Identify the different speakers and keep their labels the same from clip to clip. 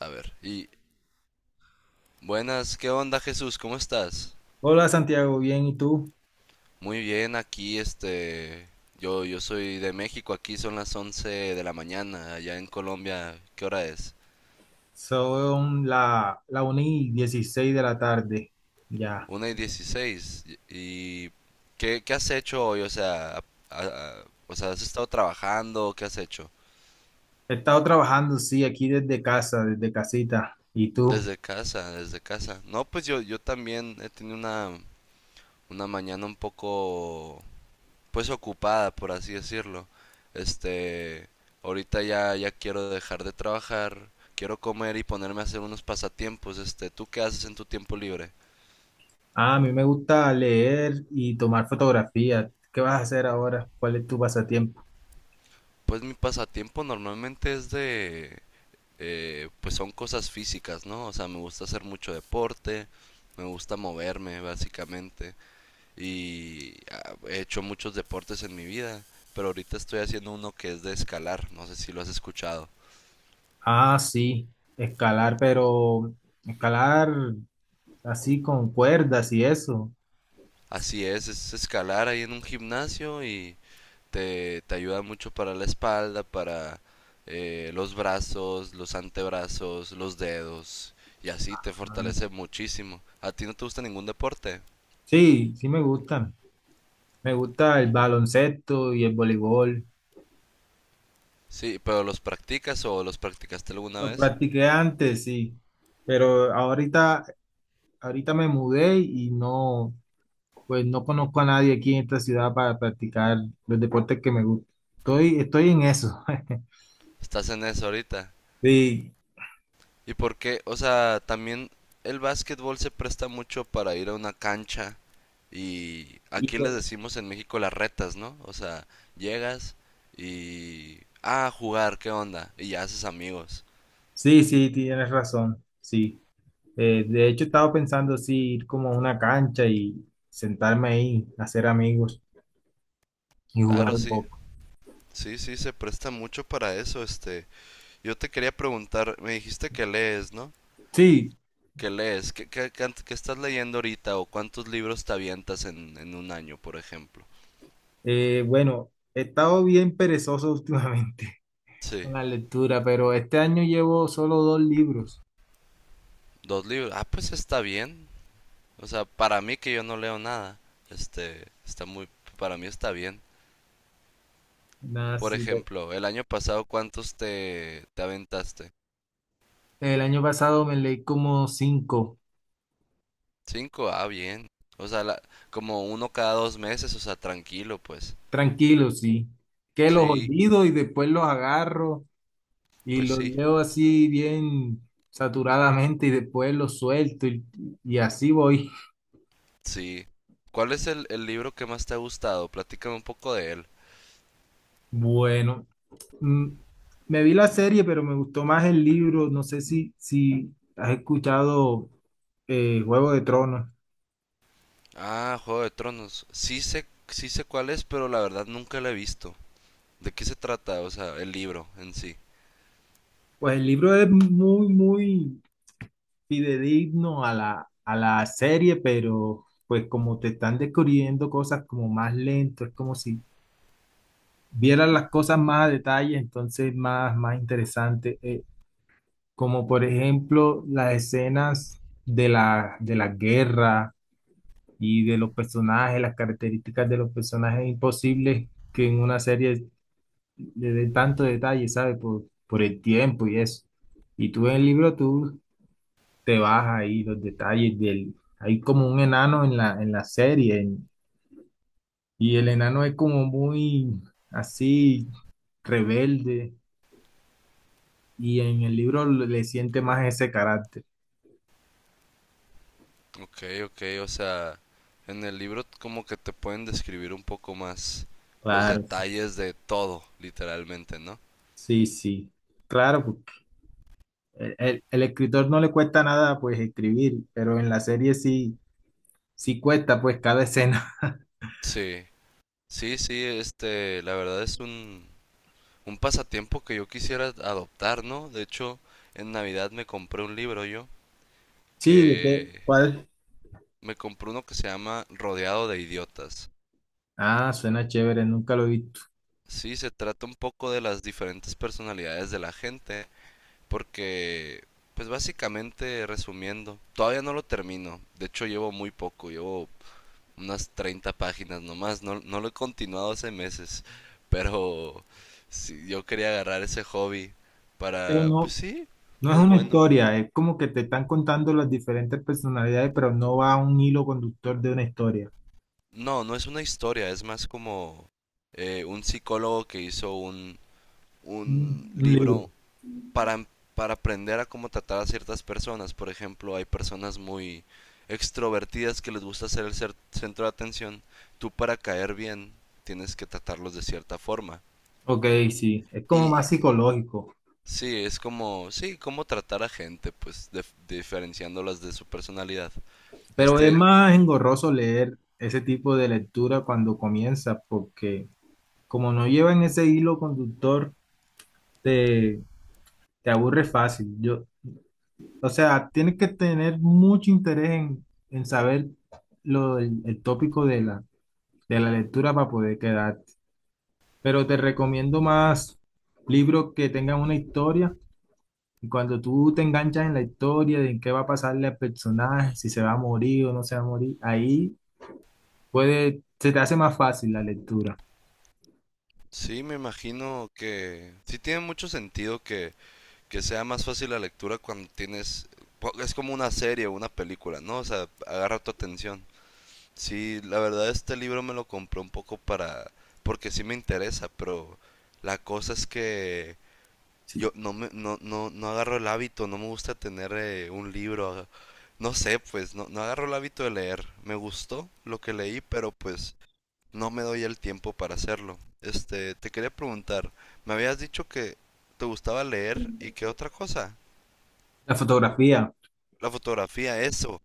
Speaker 1: A ver, y buenas, ¿qué onda Jesús? ¿Cómo estás?
Speaker 2: Hola Santiago, bien, ¿y tú?
Speaker 1: Muy bien, aquí este, yo soy de México, aquí son las 11 de la mañana, allá en Colombia, ¿qué hora es?
Speaker 2: Son la 1 y 16 de la tarde. Ya.
Speaker 1: 1:16. Y ¿¿qué has hecho hoy? O sea, o sea, ¿has estado trabajando? ¿Qué has hecho?
Speaker 2: He estado trabajando, sí, aquí desde casa, desde casita. ¿Y tú?
Speaker 1: Desde casa, desde casa. No, pues yo también he tenido una mañana un poco pues ocupada, por así decirlo. Este, ahorita ya ya quiero dejar de trabajar, quiero comer y ponerme a hacer unos pasatiempos. Este, ¿tú qué haces en tu tiempo libre?
Speaker 2: Ah, a mí me gusta leer y tomar fotografías. ¿Qué vas a hacer ahora? ¿Cuál es tu pasatiempo?
Speaker 1: Pues mi pasatiempo normalmente es de pues son cosas físicas, ¿no? O sea, me gusta hacer mucho deporte, me gusta moverme básicamente y ah, he hecho muchos deportes en mi vida, pero ahorita estoy haciendo uno que es de escalar, no sé si lo has escuchado.
Speaker 2: Ah, sí, escalar, pero escalar así con cuerdas y eso.
Speaker 1: Así es escalar ahí en un gimnasio y te ayuda mucho para la espalda, para los brazos, los antebrazos, los dedos, y así te
Speaker 2: Ah,
Speaker 1: fortalece muchísimo. ¿A ti no te gusta ningún deporte?
Speaker 2: sí, sí me gustan. Me gusta el baloncesto y el voleibol.
Speaker 1: Sí, pero ¿los practicas o los practicaste alguna
Speaker 2: Lo
Speaker 1: vez?
Speaker 2: practiqué antes, sí, pero ahorita me mudé y no, pues no conozco a nadie aquí en esta ciudad para practicar los deportes que me gustan. Estoy en eso.
Speaker 1: Estás en eso ahorita.
Speaker 2: Sí,
Speaker 1: ¿Y por qué? O sea, también el básquetbol se presta mucho para ir a una cancha y
Speaker 2: y
Speaker 1: aquí les
Speaker 2: pues-
Speaker 1: decimos en México las retas, ¿no? O sea, llegas y... Ah, a jugar, ¿qué onda? Y ya haces amigos.
Speaker 2: sí, sí, tienes razón, sí. De hecho, estaba pensando sí, ir como a una cancha y sentarme ahí, hacer amigos y jugar
Speaker 1: Claro,
Speaker 2: un
Speaker 1: sí.
Speaker 2: poco.
Speaker 1: Sí, sí, se presta mucho para eso, este. Yo te quería preguntar, me dijiste que lees, ¿no?
Speaker 2: Sí,
Speaker 1: ¿Qué lees? ¿Qué estás leyendo ahorita? ¿O cuántos libros te avientas en un año, por ejemplo?
Speaker 2: bueno, he estado bien perezoso últimamente con
Speaker 1: Sí,
Speaker 2: la lectura, pero este año llevo solo dos libros.
Speaker 1: dos libros. Ah, pues está bien. O sea, para mí que yo no leo nada, este, está muy, para mí está bien.
Speaker 2: Nada,
Speaker 1: Por
Speaker 2: sí,
Speaker 1: ejemplo, el año pasado, ¿cuántos te aventaste?
Speaker 2: el año pasado me leí como cinco,
Speaker 1: Cinco, ah, bien. O sea, como uno cada 2 meses, o sea, tranquilo, pues.
Speaker 2: tranquilo, sí. Que los
Speaker 1: Sí,
Speaker 2: olvido y después los agarro y
Speaker 1: pues
Speaker 2: los
Speaker 1: sí.
Speaker 2: leo así bien saturadamente y después los suelto y así voy.
Speaker 1: Sí. ¿Cuál es el libro que más te ha gustado? Platícame un poco de él.
Speaker 2: Bueno, mm, me vi la serie, pero me gustó más el libro. No sé si has escuchado Juego de Tronos.
Speaker 1: Ah, Juego de Tronos. Sí sé cuál es, pero la verdad nunca lo he visto. ¿De qué se trata? O sea, el libro en sí.
Speaker 2: Pues el libro es muy fidedigno a a la serie, pero pues como te están descubriendo cosas como más lento, es como si vieras las cosas más a detalle, entonces más interesante. Como por ejemplo las escenas de de la guerra y de los personajes, las características de los personajes imposibles que en una serie le den tanto detalle, ¿sabes? Por el tiempo y eso. Y tú en el libro, tú te vas ahí los detalles del... Hay como un enano en en la serie y el enano es como muy así rebelde y en el libro le siente más ese carácter.
Speaker 1: Ok, ok, o sea, en el libro como que te pueden describir un poco más los
Speaker 2: Claro,
Speaker 1: detalles de todo, literalmente, ¿no?
Speaker 2: sí. Claro, porque el escritor no le cuesta nada pues escribir, pero en la serie sí, sí cuesta pues cada escena.
Speaker 1: Sí, sí, sí, este, la verdad es un pasatiempo que yo quisiera adoptar, ¿no? De hecho, en Navidad me compré un libro yo
Speaker 2: Sí, ¿de qué?
Speaker 1: que
Speaker 2: ¿Cuál?
Speaker 1: me compré uno que se llama Rodeado de Idiotas.
Speaker 2: Ah, suena chévere, nunca lo he visto.
Speaker 1: Sí, se trata un poco de las diferentes personalidades de la gente, porque, pues básicamente, resumiendo, todavía no lo termino. De hecho, llevo muy poco, llevo unas 30 páginas nomás, no, no lo he continuado hace meses, pero sí, yo quería agarrar ese hobby
Speaker 2: Pero
Speaker 1: para, pues
Speaker 2: no,
Speaker 1: sí,
Speaker 2: no es
Speaker 1: es
Speaker 2: una
Speaker 1: bueno.
Speaker 2: historia, es como que te están contando las diferentes personalidades, pero no va a un hilo conductor de una historia.
Speaker 1: No, no es una historia, es más como un psicólogo que hizo un
Speaker 2: Un libro.
Speaker 1: libro para, em, para aprender a cómo tratar a ciertas personas. Por ejemplo, hay personas muy extrovertidas que les gusta ser el centro de atención. Tú para caer bien tienes que tratarlos de cierta forma.
Speaker 2: Ok, sí, es como más
Speaker 1: Y
Speaker 2: psicológico,
Speaker 1: sí, es como, sí, cómo tratar a gente, pues diferenciándolas de su personalidad.
Speaker 2: pero es
Speaker 1: Este,
Speaker 2: más engorroso leer ese tipo de lectura cuando comienza, porque como no llevan ese hilo conductor, te, te aburre fácil. Yo, o sea, tienes que tener mucho interés en saber el tópico de de la lectura para poder quedarte. Pero te recomiendo más libros que tengan una historia. Y cuando tú te enganchas en la historia de en qué va a pasarle al personaje, si se va a morir o no se va a morir, ahí se te hace más fácil la lectura.
Speaker 1: sí, me imagino que sí tiene mucho sentido que sea más fácil la lectura cuando tienes... po- Es como una serie o una película, ¿no? O sea, agarra tu atención. Sí, la verdad este libro me lo compré un poco para... porque sí me interesa, pero la cosa es que yo
Speaker 2: Sí.
Speaker 1: no me, no, no, no agarro el hábito, no me gusta tener un libro, no sé, pues no, no agarro el hábito de leer. Me gustó lo que leí, pero pues no me doy el tiempo para hacerlo. Este, te quería preguntar, me habías dicho que te gustaba leer y qué otra cosa?
Speaker 2: La fotografía,
Speaker 1: La fotografía, eso.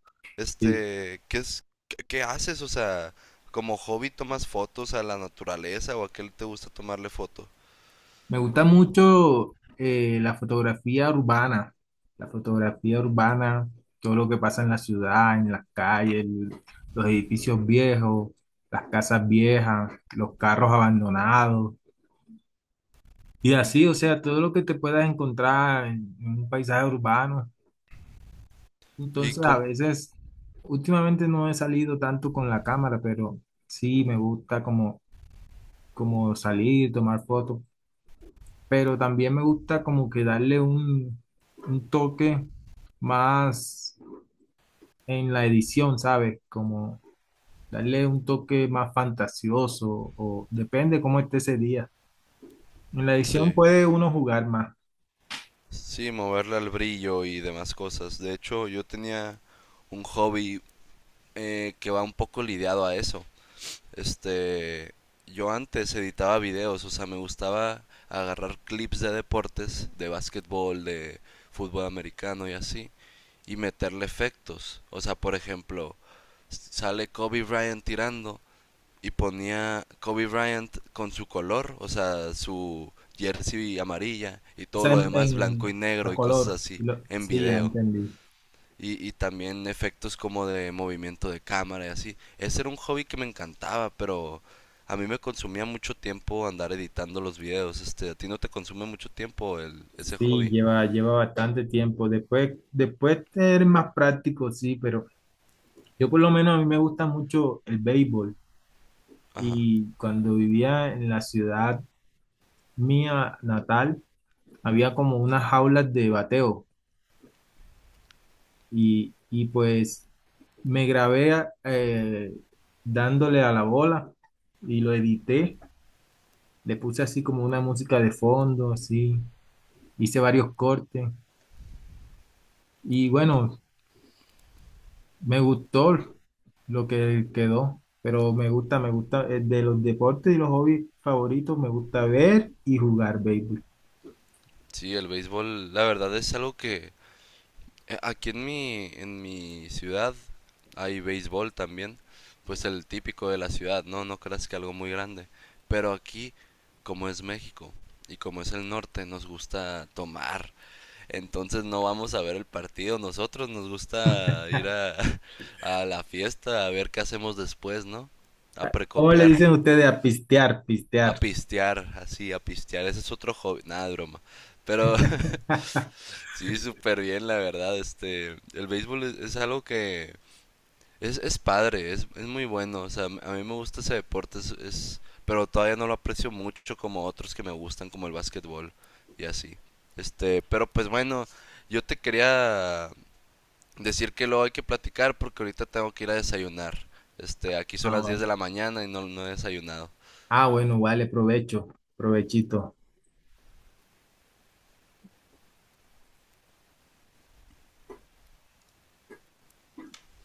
Speaker 2: sí.
Speaker 1: Este, ¿qué es, qué, qué haces? O sea, como hobby tomas fotos a la naturaleza o a qué te gusta tomarle foto.
Speaker 2: Me gusta mucho la fotografía urbana, todo lo que pasa en la ciudad, en las calles, los edificios viejos, las casas viejas, los carros abandonados. Y así, o sea, todo lo que te puedas encontrar en un paisaje urbano.
Speaker 1: Y
Speaker 2: Entonces, a
Speaker 1: com
Speaker 2: veces, últimamente no he salido tanto con la cámara, pero sí me gusta como, como salir, tomar fotos, pero también me gusta como que darle un toque más en la edición, ¿sabes? Como darle un toque más fantasioso, o depende cómo esté ese día. En la edición
Speaker 1: Sí,
Speaker 2: puede uno jugar más.
Speaker 1: sí, moverle al brillo y demás cosas. De hecho, yo tenía un hobby que va un poco lidiado a eso. Este, yo antes editaba videos, o sea, me gustaba agarrar clips de deportes, de básquetbol, de fútbol americano y así, y meterle efectos. O sea, por ejemplo, sale Kobe Bryant tirando y ponía Kobe Bryant con su color, o sea, su jersey amarilla y
Speaker 2: O
Speaker 1: todo
Speaker 2: sea,
Speaker 1: lo demás blanco y
Speaker 2: a
Speaker 1: negro y cosas
Speaker 2: color.
Speaker 1: así en
Speaker 2: Sí, ya
Speaker 1: video.
Speaker 2: entendí.
Speaker 1: Y también efectos como de movimiento de cámara y así. Ese era un hobby que me encantaba, pero a mí me consumía mucho tiempo andar editando los videos. Este, a ti no te consume mucho tiempo el, ese
Speaker 2: Sí,
Speaker 1: hobby.
Speaker 2: lleva bastante tiempo. Después, después ser más práctico, sí, pero yo por lo menos a mí me gusta mucho el béisbol.
Speaker 1: Ajá.
Speaker 2: Y cuando vivía en la ciudad mía natal, había como unas jaulas de bateo. Y pues me grabé a- eh, dándole a la bola y lo edité. Le puse así como una música de fondo, así. Hice varios cortes y bueno, me gustó lo que quedó, pero me gusta, de los deportes y los hobbies favoritos, me gusta ver y jugar béisbol.
Speaker 1: Sí, el béisbol, la verdad es, algo que eh, aquí en mi ciudad hay béisbol también, pues el típico de la ciudad, no, no creas que algo muy grande, pero aquí, como es México y como es el norte, nos gusta tomar, entonces no vamos a ver el partido, nosotros nos gusta ir a, a la fiesta, a ver qué hacemos después, ¿no? A
Speaker 2: ¿Cómo le
Speaker 1: precopiar.
Speaker 2: dicen ustedes a
Speaker 1: A
Speaker 2: pistear?
Speaker 1: pistear, así, a pistear. Ese es otro hobby. Nada, de broma. Pero sí, súper bien, la verdad. Este, el béisbol es algo que es padre, es muy bueno. O sea, a mí me gusta ese deporte, pero todavía no lo aprecio mucho como otros que me gustan, como el básquetbol y así. Este, pero pues bueno, yo te quería decir que luego hay que platicar porque ahorita tengo que ir a desayunar. Este, aquí son
Speaker 2: Ah,
Speaker 1: las 10 de
Speaker 2: vale.
Speaker 1: la mañana y no, no he desayunado.
Speaker 2: Ah, bueno, vale, provecho, provechito.